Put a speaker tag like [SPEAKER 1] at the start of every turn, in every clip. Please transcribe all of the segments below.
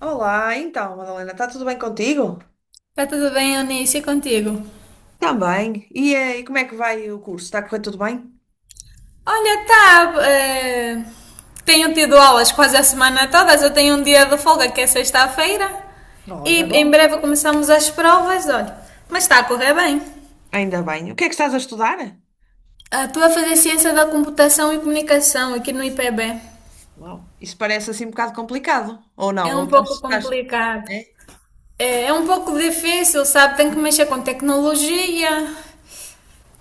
[SPEAKER 1] Olá, então, Madalena, está tudo bem contigo?
[SPEAKER 2] Tá tudo bem, Eunice, e contigo?
[SPEAKER 1] Também. E como é que vai o curso? Está a correr tudo bem?
[SPEAKER 2] Olha, tá. Tenho tido aulas quase a semana toda, eu tenho um dia de folga que é sexta-feira e
[SPEAKER 1] Olha,
[SPEAKER 2] em
[SPEAKER 1] bom.
[SPEAKER 2] breve começamos as provas, olha. Mas está a correr bem.
[SPEAKER 1] Ainda bem. O que é que estás a estudar?
[SPEAKER 2] Ah, estou a fazer ciência da computação e comunicação aqui no IPB.
[SPEAKER 1] Uau, isso parece assim um bocado complicado, ou
[SPEAKER 2] É
[SPEAKER 1] não? Ou
[SPEAKER 2] um
[SPEAKER 1] estás,
[SPEAKER 2] pouco
[SPEAKER 1] estás-
[SPEAKER 2] complicado.
[SPEAKER 1] É?
[SPEAKER 2] É, é um pouco difícil, sabe? Tem que mexer com tecnologia,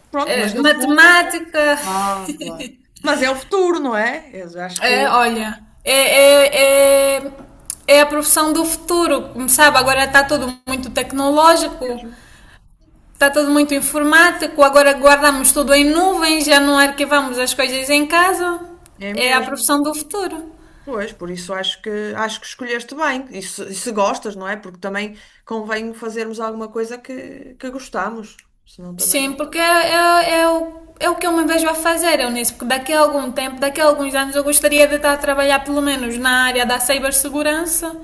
[SPEAKER 1] Pronto, mas no fundo.
[SPEAKER 2] matemática.
[SPEAKER 1] Ah, claro. Mas é o futuro, não é? Eu acho que
[SPEAKER 2] É,
[SPEAKER 1] é
[SPEAKER 2] olha, é a profissão do futuro, sabe? Agora está tudo muito tecnológico,
[SPEAKER 1] mesmo.
[SPEAKER 2] está tudo muito informático, agora guardamos tudo em nuvens, já não arquivamos as coisas em casa.
[SPEAKER 1] É
[SPEAKER 2] É a
[SPEAKER 1] mesmo.
[SPEAKER 2] profissão do futuro.
[SPEAKER 1] Pois, por isso acho que escolheste bem. E se gostas, não é? Porque também convém fazermos alguma coisa que gostamos. Senão
[SPEAKER 2] Sim,
[SPEAKER 1] também.
[SPEAKER 2] porque é o que eu me vejo a fazer, eu nisso, porque daqui a algum tempo, daqui a alguns anos, eu gostaria de estar a trabalhar pelo menos na área da cibersegurança.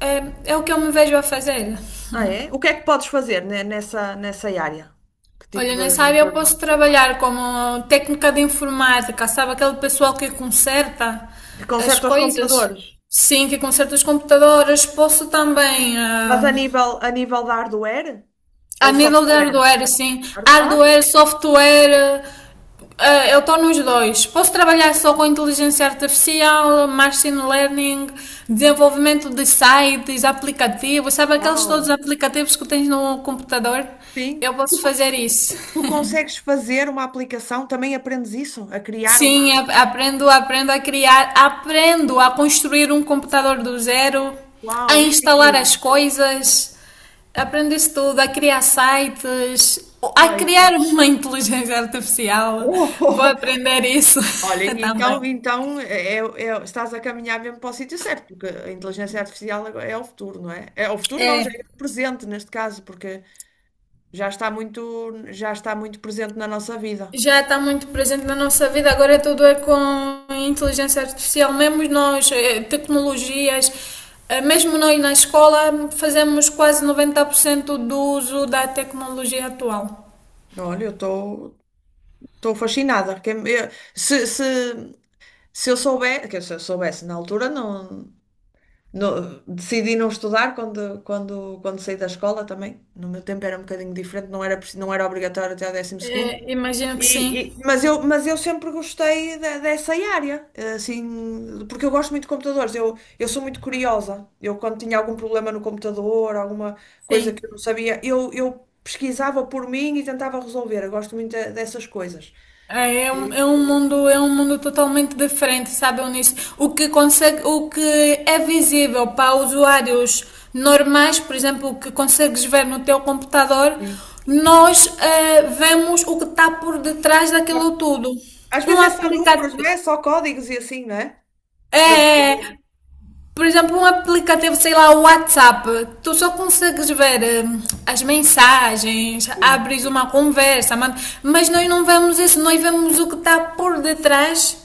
[SPEAKER 2] É, é o que eu me vejo a fazer.
[SPEAKER 1] Ah, é? O que é que podes fazer nessa área? Que tipo
[SPEAKER 2] Olha, nessa
[SPEAKER 1] de
[SPEAKER 2] área eu posso
[SPEAKER 1] trabalho?
[SPEAKER 2] trabalhar como técnica de informática, sabe? Aquele pessoal que conserta
[SPEAKER 1] Que
[SPEAKER 2] as
[SPEAKER 1] conserta os
[SPEAKER 2] coisas.
[SPEAKER 1] computadores?
[SPEAKER 2] Sim, que conserta os computadores. Posso também,
[SPEAKER 1] Mas a nível, a nível da hardware
[SPEAKER 2] a
[SPEAKER 1] ou
[SPEAKER 2] nível de
[SPEAKER 1] software?
[SPEAKER 2] hardware, sim.
[SPEAKER 1] Hard- Ah,
[SPEAKER 2] Hardware, software, eu estou nos dois. Posso trabalhar só com inteligência artificial, machine learning, desenvolvimento de sites, aplicativos, sabe? Aqueles
[SPEAKER 1] uau!
[SPEAKER 2] todos os aplicativos que tens no computador.
[SPEAKER 1] Sim.
[SPEAKER 2] Eu
[SPEAKER 1] Tu,
[SPEAKER 2] posso
[SPEAKER 1] co-
[SPEAKER 2] fazer isso.
[SPEAKER 1] tu consegues fazer uma aplicação? Também aprendes isso? A criar uma.
[SPEAKER 2] Sim, aprendo, aprendo a criar, aprendo a construir um computador do zero, a
[SPEAKER 1] Uau, isso é
[SPEAKER 2] instalar
[SPEAKER 1] incrível!
[SPEAKER 2] as coisas, aprendo isso tudo, a criar sites, a
[SPEAKER 1] Ah, isso
[SPEAKER 2] criar
[SPEAKER 1] é.
[SPEAKER 2] uma inteligência artificial.
[SPEAKER 1] Oh, oh,
[SPEAKER 2] Vou
[SPEAKER 1] oh.
[SPEAKER 2] aprender isso
[SPEAKER 1] Olha,
[SPEAKER 2] também.
[SPEAKER 1] então estás a caminhar mesmo para o sítio certo, porque a inteligência artificial agora é o futuro, não é? É o futuro, não, já
[SPEAKER 2] É.
[SPEAKER 1] é o presente neste caso, porque já está muito presente na nossa vida.
[SPEAKER 2] Já está muito presente na nossa vida, agora é tudo é com inteligência artificial, mesmo nós, tecnologias, mesmo nós na escola fazemos quase 90% do uso da tecnologia atual.
[SPEAKER 1] Olha, eu estou fascinada. Se, se, se eu soubesse na altura, decidi não estudar quando, quando saí da escola também. No meu tempo era um bocadinho diferente, não era, não era obrigatório até ao 12º.
[SPEAKER 2] Imagino que
[SPEAKER 1] E-
[SPEAKER 2] sim,
[SPEAKER 1] e- mas eu, mas eu sempre gostei dessa área, assim, porque eu gosto muito de computadores, eu sou muito curiosa. Eu, quando tinha algum problema no computador, alguma coisa
[SPEAKER 2] sim.
[SPEAKER 1] que eu não sabia, eu pesquisava por mim e tentava resolver. Eu gosto muito dessas coisas.
[SPEAKER 2] É,
[SPEAKER 1] Sim,
[SPEAKER 2] é um mundo totalmente diferente, sabe, Eunice? O que consegue, o que é visível para usuários normais, por exemplo, o que consegues ver no teu computador,
[SPEAKER 1] sim.
[SPEAKER 2] nós vemos o que está por detrás daquilo tudo.
[SPEAKER 1] Às
[SPEAKER 2] Um
[SPEAKER 1] vezes é só números, não
[SPEAKER 2] aplicativo.
[SPEAKER 1] é? Só códigos e assim, não é?
[SPEAKER 2] É,
[SPEAKER 1] Para se
[SPEAKER 2] é, é
[SPEAKER 1] fazer.
[SPEAKER 2] por exemplo, um aplicativo, sei lá, o WhatsApp, tu só consegues ver as mensagens,
[SPEAKER 1] Sim,
[SPEAKER 2] abres uma conversa, mas nós não vemos isso, nós vemos o que está por detrás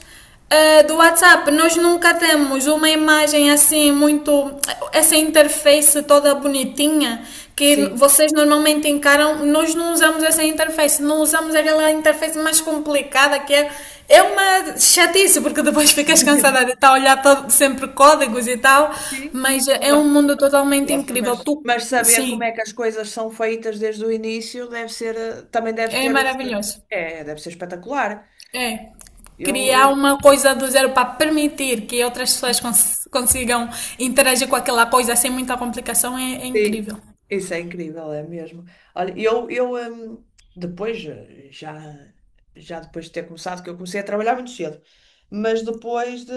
[SPEAKER 2] do WhatsApp. Nós nunca temos uma imagem assim, muito. Essa interface toda bonitinha que
[SPEAKER 1] sim.
[SPEAKER 2] vocês normalmente encaram. Nós não usamos essa interface, não usamos aquela interface mais complicada que é uma chatice, porque depois ficas cansada de estar a olhar para sempre códigos e tal,
[SPEAKER 1] Sim.
[SPEAKER 2] mas é um mundo totalmente
[SPEAKER 1] Próxima, mas,
[SPEAKER 2] incrível. Tu,
[SPEAKER 1] mas saber como
[SPEAKER 2] sim,
[SPEAKER 1] é que as coisas são feitas desde o início deve ser, também deve
[SPEAKER 2] é
[SPEAKER 1] ter, o seu.
[SPEAKER 2] maravilhoso.
[SPEAKER 1] É, deve ser espetacular.
[SPEAKER 2] É.
[SPEAKER 1] Eu,
[SPEAKER 2] Criar
[SPEAKER 1] eu-
[SPEAKER 2] uma coisa do zero para permitir que outras pessoas consigam interagir com aquela coisa sem muita complicação é
[SPEAKER 1] sim,
[SPEAKER 2] incrível.
[SPEAKER 1] isso é incrível, é mesmo. Olha, eu depois, já depois de ter começado, que eu comecei a trabalhar muito cedo, mas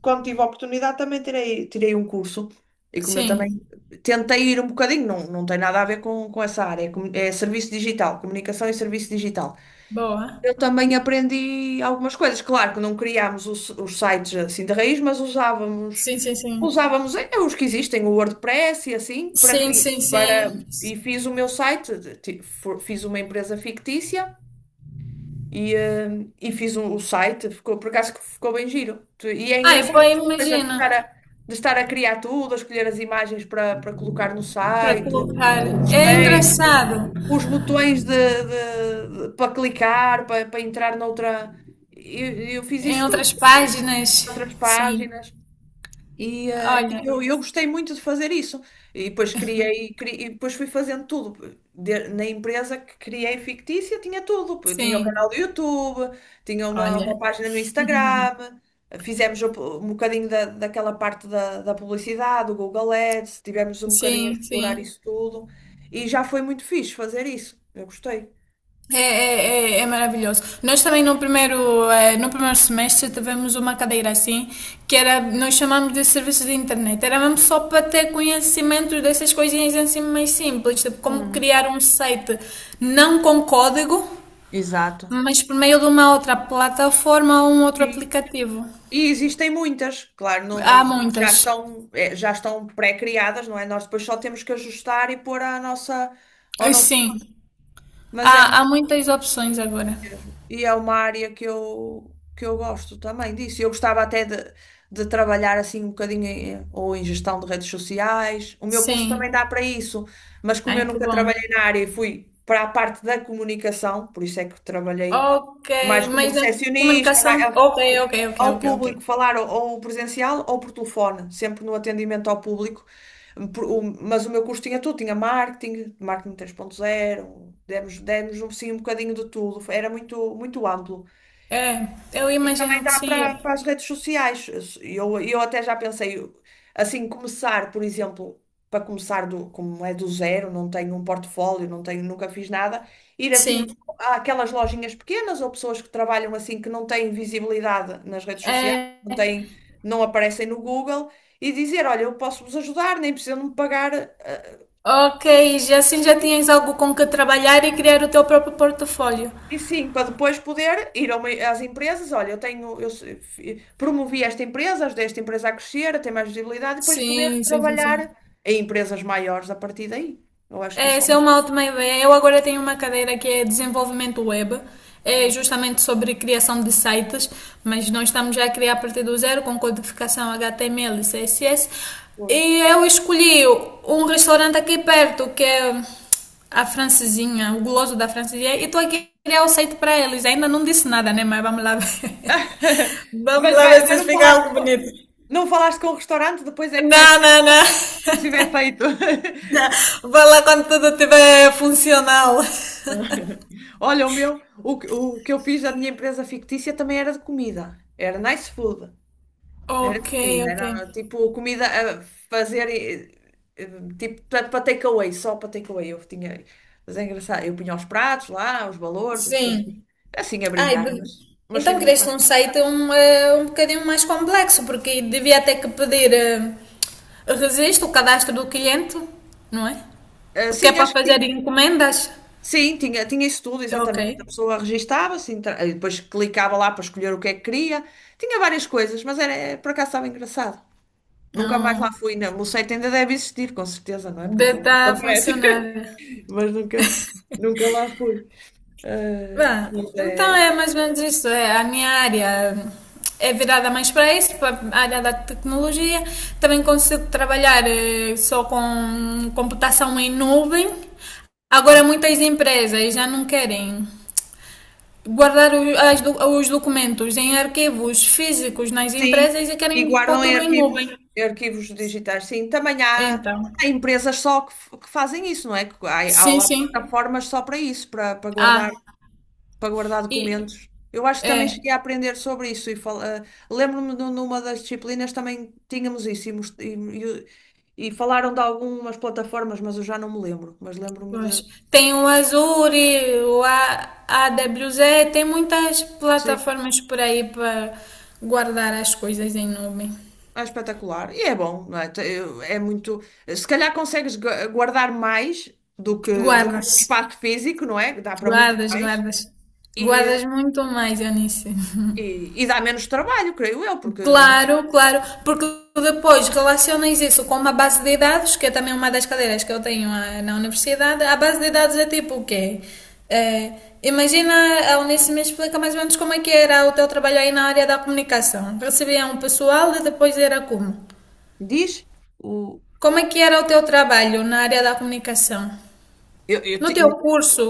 [SPEAKER 1] quando tive a oportunidade, também tirei um curso. E como eu também
[SPEAKER 2] Sim,
[SPEAKER 1] tentei ir um bocadinho, não, não tem nada a ver com essa área, é serviço digital, comunicação e serviço digital.
[SPEAKER 2] boa.
[SPEAKER 1] Eu também aprendi algumas coisas. Claro que não criámos os sites assim de raiz, mas usávamos,
[SPEAKER 2] Sim, sim, sim.
[SPEAKER 1] usávamos eh, os que existem, o WordPress e assim, para
[SPEAKER 2] Sim,
[SPEAKER 1] criar.
[SPEAKER 2] sim, sim.
[SPEAKER 1] E fiz o meu site, fiz uma empresa fictícia e, e fiz o site, por acaso que ficou bem giro. E é
[SPEAKER 2] Ai,
[SPEAKER 1] engraçado
[SPEAKER 2] pô,
[SPEAKER 1] essa coisa de
[SPEAKER 2] imagina
[SPEAKER 1] estar a, de estar a criar tudo, a escolher as imagens para colocar no
[SPEAKER 2] para
[SPEAKER 1] site,
[SPEAKER 2] colocar.
[SPEAKER 1] os
[SPEAKER 2] É
[SPEAKER 1] textos,
[SPEAKER 2] engraçado.
[SPEAKER 1] os botões para clicar, para entrar noutra. Eu fiz
[SPEAKER 2] Em
[SPEAKER 1] isso tudo,
[SPEAKER 2] outras páginas,
[SPEAKER 1] outras
[SPEAKER 2] sim.
[SPEAKER 1] páginas. E eh, e
[SPEAKER 2] Olha,
[SPEAKER 1] eu, eu gostei muito de fazer isso. E depois criei e depois fui fazendo tudo. Na empresa que criei fictícia, tinha tudo. Eu tinha o canal
[SPEAKER 2] sim,
[SPEAKER 1] do YouTube, tinha uma,
[SPEAKER 2] olha,
[SPEAKER 1] uma página no Instagram. Fizemos um bocadinho daquela parte da publicidade, do Google Ads. Tivemos um bocadinho a
[SPEAKER 2] sim,
[SPEAKER 1] explorar
[SPEAKER 2] sim.
[SPEAKER 1] isso tudo. E já foi muito fixe fazer isso. Eu gostei.
[SPEAKER 2] É maravilhoso. Nós também no primeiro, no primeiro semestre tivemos uma cadeira assim, que era, nós chamamos de serviços de internet. Era mesmo só para ter conhecimento dessas coisinhas assim mais simples, tipo como
[SPEAKER 1] Hum,
[SPEAKER 2] criar um site não com código,
[SPEAKER 1] exato.
[SPEAKER 2] mas por meio de uma outra plataforma ou um outro aplicativo.
[SPEAKER 1] E existem muitas, claro,
[SPEAKER 2] Há
[SPEAKER 1] já
[SPEAKER 2] muitas.
[SPEAKER 1] estão, é, já estão pré-criadas, não é? Nós depois só temos que ajustar e pôr a nossa, ao nosso.
[SPEAKER 2] Sim,
[SPEAKER 1] Mas é
[SPEAKER 2] há,
[SPEAKER 1] mesmo.
[SPEAKER 2] há muitas opções agora.
[SPEAKER 1] E é uma área que eu gosto também disso. Eu gostava até de trabalhar assim um bocadinho ou em gestão de redes sociais. O meu curso
[SPEAKER 2] Sim.
[SPEAKER 1] também dá para isso, mas como
[SPEAKER 2] Ai,
[SPEAKER 1] eu
[SPEAKER 2] que
[SPEAKER 1] nunca
[SPEAKER 2] bom.
[SPEAKER 1] trabalhei na área e fui para a parte da comunicação, por isso é que trabalhei
[SPEAKER 2] Ok,
[SPEAKER 1] mais como
[SPEAKER 2] mas na
[SPEAKER 1] recepcionista,
[SPEAKER 2] comunicação. Ok, ok, ok,
[SPEAKER 1] ao
[SPEAKER 2] ok, ok.
[SPEAKER 1] público falar ou, presencial ou por telefone, sempre no atendimento ao público. Mas o meu curso tinha tudo, tinha marketing 3.0 demos um, sim, um bocadinho de tudo, era muito, muito amplo.
[SPEAKER 2] É, eu
[SPEAKER 1] E também
[SPEAKER 2] imagino que
[SPEAKER 1] dá
[SPEAKER 2] sim.
[SPEAKER 1] para para as redes sociais. Eu até já pensei, assim, começar, por exemplo, para começar como é do zero, não tenho um portfólio, não tenho, nunca fiz nada, ir assim
[SPEAKER 2] Sim.
[SPEAKER 1] àquelas lojinhas pequenas ou pessoas que trabalham assim que não têm visibilidade nas redes sociais, não
[SPEAKER 2] É,
[SPEAKER 1] têm, não aparecem no Google, e dizer, olha, eu posso vos ajudar, nem precisam de me pagar.
[SPEAKER 2] ok, já assim já tinhas algo com que trabalhar e criar o teu próprio portfólio.
[SPEAKER 1] E sim, para depois poder ir a às empresas, olha, eu tenho, eu se- fi- promovi esta empresa, ajudei esta empresa a crescer, a ter mais visibilidade, e depois poder
[SPEAKER 2] Sim, sim, sim,
[SPEAKER 1] trabalhar
[SPEAKER 2] sim.
[SPEAKER 1] em empresas maiores a partir daí. Eu acho que
[SPEAKER 2] É,
[SPEAKER 1] isso
[SPEAKER 2] essa é
[SPEAKER 1] também
[SPEAKER 2] uma ótima ideia. Eu agora tenho uma cadeira que é desenvolvimento web. É
[SPEAKER 1] é
[SPEAKER 2] justamente sobre criação de sites, mas nós estamos já a criar a partir do zero com codificação HTML e CSS.
[SPEAKER 1] hoje.
[SPEAKER 2] E eu escolhi um restaurante aqui perto, que é a Francesinha, o guloso da Francesinha, e estou aqui a criar o site para eles. Ainda não disse nada, né? Mas vamos lá ver. Vamos
[SPEAKER 1] Mas,
[SPEAKER 2] lá
[SPEAKER 1] vai-
[SPEAKER 2] ver
[SPEAKER 1] mas
[SPEAKER 2] se
[SPEAKER 1] não
[SPEAKER 2] fica
[SPEAKER 1] falaste
[SPEAKER 2] algo
[SPEAKER 1] com,
[SPEAKER 2] bonito.
[SPEAKER 1] não falaste com o restaurante, depois é que vais,
[SPEAKER 2] Não, não, não.
[SPEAKER 1] quando estiver feito.
[SPEAKER 2] Vai lá quando tudo estiver funcional.
[SPEAKER 1] Olha, o que eu fiz da minha empresa fictícia também era de comida, era nice food. Era
[SPEAKER 2] Ok,
[SPEAKER 1] comida,
[SPEAKER 2] ok.
[SPEAKER 1] era tipo comida a fazer, eh, tipo para para takeaway, só para takeaway. Eu tinha, mas é engraçado, eu punha os pratos lá, os valores, as pessoas
[SPEAKER 2] Sim.
[SPEAKER 1] assim a
[SPEAKER 2] Ai,
[SPEAKER 1] brincar, mas foi
[SPEAKER 2] então quereste um
[SPEAKER 1] engraçado.
[SPEAKER 2] site um bocadinho mais complexo, porque devia ter que pedir registro, o cadastro do cliente, não é?
[SPEAKER 1] Ah,
[SPEAKER 2] Porque é
[SPEAKER 1] sim,
[SPEAKER 2] para
[SPEAKER 1] acho que
[SPEAKER 2] fazer
[SPEAKER 1] tinha.
[SPEAKER 2] encomendas.
[SPEAKER 1] Sim, tinha isso tudo,
[SPEAKER 2] Ok.
[SPEAKER 1] exatamente. A pessoa registava-se, e depois clicava lá para escolher o que é que queria. Tinha várias coisas, mas era, por acaso estava engraçado. Nunca mais
[SPEAKER 2] Não,
[SPEAKER 1] lá fui, não. O site ainda deve existir, com certeza, não é? Porque
[SPEAKER 2] deve
[SPEAKER 1] aquilo
[SPEAKER 2] estar
[SPEAKER 1] não
[SPEAKER 2] a
[SPEAKER 1] aparece.
[SPEAKER 2] funcionar.
[SPEAKER 1] Mas nunca lá fui. Eh,
[SPEAKER 2] Bem,
[SPEAKER 1] mas
[SPEAKER 2] então
[SPEAKER 1] é-
[SPEAKER 2] é mais ou menos isso. É, a minha área é virada mais para isso, para a área da tecnologia. Também consigo trabalhar só com computação em nuvem. Agora muitas empresas já não querem guardar os documentos em arquivos físicos nas
[SPEAKER 1] Sim,
[SPEAKER 2] empresas e querem
[SPEAKER 1] e
[SPEAKER 2] pôr
[SPEAKER 1] guardam em
[SPEAKER 2] tudo em nuvem.
[SPEAKER 1] arquivos, em arquivos digitais. Sim, também há,
[SPEAKER 2] Então,
[SPEAKER 1] há empresas só que fazem isso, não é? Que Há,
[SPEAKER 2] sim,
[SPEAKER 1] há, há
[SPEAKER 2] sim.
[SPEAKER 1] plataformas só para isso, para, para guardar,
[SPEAKER 2] Ah,
[SPEAKER 1] para guardar
[SPEAKER 2] e
[SPEAKER 1] documentos. Eu acho que também
[SPEAKER 2] é.
[SPEAKER 1] cheguei a aprender sobre isso e lembro-me de numa das disciplinas também tínhamos isso e e falaram de algumas plataformas, mas eu já não me lembro, mas lembro-me de.
[SPEAKER 2] Pois. Tem o Azuri, o AWZ, tem muitas plataformas por aí para guardar as coisas em nuvem.
[SPEAKER 1] É espetacular. E é bom, não é? É muito. Se calhar consegues guardar mais do que um
[SPEAKER 2] Guardas,
[SPEAKER 1] espaço físico, não é? Dá para muito
[SPEAKER 2] guardas,
[SPEAKER 1] mais.
[SPEAKER 2] guardas.
[SPEAKER 1] E,
[SPEAKER 2] Guardas muito mais, Eunice.
[SPEAKER 1] e dá menos trabalho, creio eu, porque, não é?
[SPEAKER 2] Claro, claro, porque depois relacionas isso com uma base de dados, que é também uma das cadeiras que eu tenho na universidade. A base de dados é tipo o quê? Eh, Imagina, a Unice me explica mais ou menos como é que era o teu trabalho aí na área da comunicação. Recebia um pessoal e depois era como?
[SPEAKER 1] Diz o.
[SPEAKER 2] Como é que era o teu trabalho na área da comunicação?
[SPEAKER 1] Eu, eu
[SPEAKER 2] No teu
[SPEAKER 1] ti-
[SPEAKER 2] curso,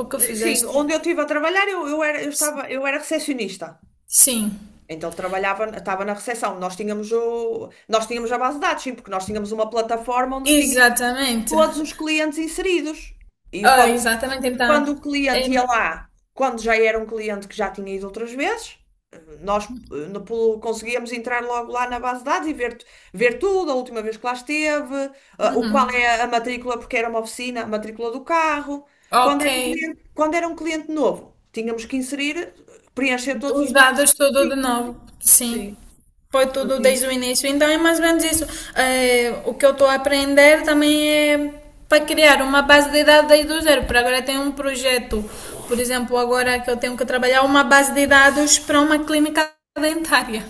[SPEAKER 2] o que
[SPEAKER 1] sim,
[SPEAKER 2] fizeste?
[SPEAKER 1] onde eu estive a trabalhar, eu era recepcionista.
[SPEAKER 2] Sim,
[SPEAKER 1] Então trabalhava, estava na recepção. Nós tínhamos a base de dados, sim, porque nós tínhamos uma plataforma onde tínhamos
[SPEAKER 2] exatamente.
[SPEAKER 1] todos os clientes inseridos. E
[SPEAKER 2] Ah,
[SPEAKER 1] quando
[SPEAKER 2] exatamente, então.
[SPEAKER 1] Quando o cliente ia
[SPEAKER 2] Em-
[SPEAKER 1] lá, quando já era um cliente que já tinha ido outras vezes, nós conseguíamos entrar logo lá na base de dados e ver tudo, a última vez que lá esteve, o qual é a matrícula, porque era uma oficina, a matrícula do carro. Quando
[SPEAKER 2] ok.
[SPEAKER 1] era um cliente, quando era um cliente novo, tínhamos que inserir, preencher
[SPEAKER 2] Então,
[SPEAKER 1] todos os
[SPEAKER 2] os
[SPEAKER 1] dados.
[SPEAKER 2] dados tudo de novo, sim.
[SPEAKER 1] Sim,
[SPEAKER 2] Foi tudo desde o
[SPEAKER 1] fazíamos.
[SPEAKER 2] início. Então é mais ou menos isso. O que eu estou a aprender também é para criar uma base de dados desde o zero. Por agora tem um projeto, por exemplo, agora que eu tenho que trabalhar uma base de dados para uma clínica dentária.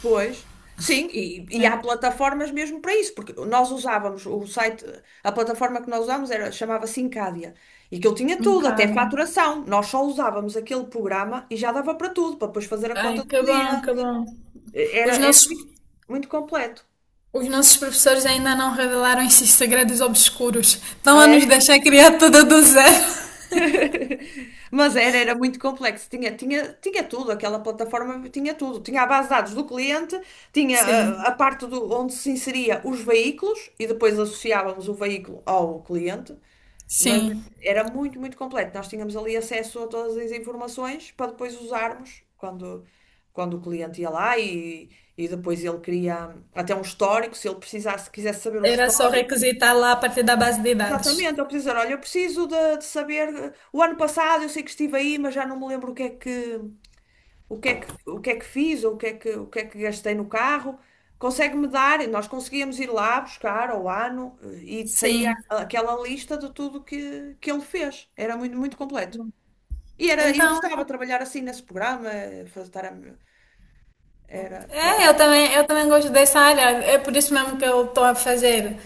[SPEAKER 1] Pois, sim, e
[SPEAKER 2] É,
[SPEAKER 1] há plataformas mesmo para isso, porque nós usávamos o site, a plataforma que nós usávamos chamava-se Encadia, e que ele tinha
[SPEAKER 2] em
[SPEAKER 1] tudo, até
[SPEAKER 2] Cábia.
[SPEAKER 1] faturação. Nós só usávamos aquele programa e já dava para tudo, para depois fazer a
[SPEAKER 2] Ai,
[SPEAKER 1] conta do
[SPEAKER 2] que bom,
[SPEAKER 1] cliente.
[SPEAKER 2] que bom.
[SPEAKER 1] Era,
[SPEAKER 2] Os
[SPEAKER 1] era
[SPEAKER 2] nossos,
[SPEAKER 1] muito, muito completo,
[SPEAKER 2] os nossos professores ainda não revelaram esses segredos obscuros. Estão
[SPEAKER 1] não
[SPEAKER 2] a nos
[SPEAKER 1] é?
[SPEAKER 2] deixar criar tudo do zero.
[SPEAKER 1] Mas era muito complexo, tinha tudo, aquela plataforma tinha tudo. Tinha a base de dados do cliente, tinha
[SPEAKER 2] Sim,
[SPEAKER 1] a parte onde se inseria os veículos e depois associávamos o veículo ao cliente. Mas
[SPEAKER 2] sim.
[SPEAKER 1] era muito, muito completo. Nós tínhamos ali acesso a todas as informações para depois usarmos quando, o cliente ia lá e depois ele queria até um histórico, se ele precisasse, quisesse saber o
[SPEAKER 2] Era só
[SPEAKER 1] histórico.
[SPEAKER 2] requisitar lá a partir da base de dados.
[SPEAKER 1] Exatamente, ele precisa, olha, eu preciso de saber, o ano passado eu sei que estive aí, mas já não me lembro o que é que, o que é que fiz ou o que é que gastei no carro, consegue-me dar, nós conseguíamos ir lá buscar ao ano e saía
[SPEAKER 2] Sim.
[SPEAKER 1] aquela lista de tudo que ele fez. Era muito, muito completo. Eu
[SPEAKER 2] Então,
[SPEAKER 1] gostava de trabalhar assim nesse programa, fazer, era, por
[SPEAKER 2] é,
[SPEAKER 1] acaso.
[SPEAKER 2] eu também gosto dessa área. É por isso mesmo que eu estou a fazer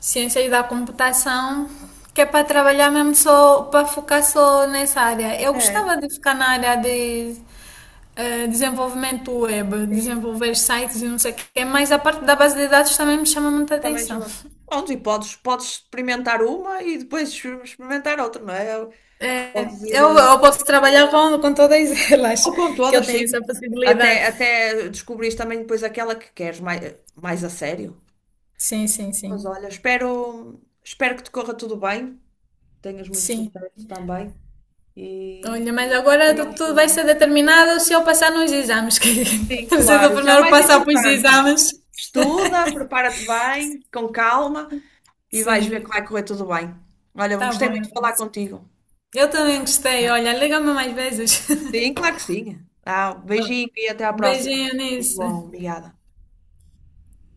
[SPEAKER 2] ciências da computação, que é para trabalhar mesmo só, para focar só nessa área. Eu
[SPEAKER 1] É,
[SPEAKER 2] gostava de ficar na área de desenvolvimento web,
[SPEAKER 1] sim,
[SPEAKER 2] desenvolver sites e não sei o quê, mas a parte da base de dados também me chama muita
[SPEAKER 1] também
[SPEAKER 2] atenção.
[SPEAKER 1] chamado. Pronto, e podes experimentar uma e depois experimentar outra, não é?
[SPEAKER 2] É,
[SPEAKER 1] Podes ir,
[SPEAKER 2] eu, eu posso trabalhar com todas
[SPEAKER 1] ou
[SPEAKER 2] elas,
[SPEAKER 1] com
[SPEAKER 2] que eu
[SPEAKER 1] todas, sim.
[SPEAKER 2] tenho essa
[SPEAKER 1] Até,
[SPEAKER 2] possibilidade.
[SPEAKER 1] até descobrires também depois aquela que queres mais, mais a sério.
[SPEAKER 2] Sim, sim,
[SPEAKER 1] Mas
[SPEAKER 2] sim.
[SPEAKER 1] olha, espero que te corra tudo bem, tenhas muito
[SPEAKER 2] Sim.
[SPEAKER 1] sucesso também e
[SPEAKER 2] Olha, mas agora
[SPEAKER 1] e vamos
[SPEAKER 2] tudo vai
[SPEAKER 1] falando.
[SPEAKER 2] ser determinado se eu passar nos exames. Que
[SPEAKER 1] Sim,
[SPEAKER 2] preciso
[SPEAKER 1] claro, isso é o
[SPEAKER 2] primeiro
[SPEAKER 1] mais
[SPEAKER 2] passar para os
[SPEAKER 1] importante.
[SPEAKER 2] exames.
[SPEAKER 1] Estuda, prepara-te bem, com calma e vais ver
[SPEAKER 2] Sim.
[SPEAKER 1] que vai correr tudo bem. Olha,
[SPEAKER 2] Tá
[SPEAKER 1] gostei
[SPEAKER 2] bom,
[SPEAKER 1] muito de falar
[SPEAKER 2] Eunice.
[SPEAKER 1] contigo.
[SPEAKER 2] Eu também gostei. Olha, liga-me mais vezes.
[SPEAKER 1] Sim, claro que sim. Ah, beijinho e até à próxima.
[SPEAKER 2] Beijinho,
[SPEAKER 1] Tudo
[SPEAKER 2] Eunice.
[SPEAKER 1] bom, obrigada.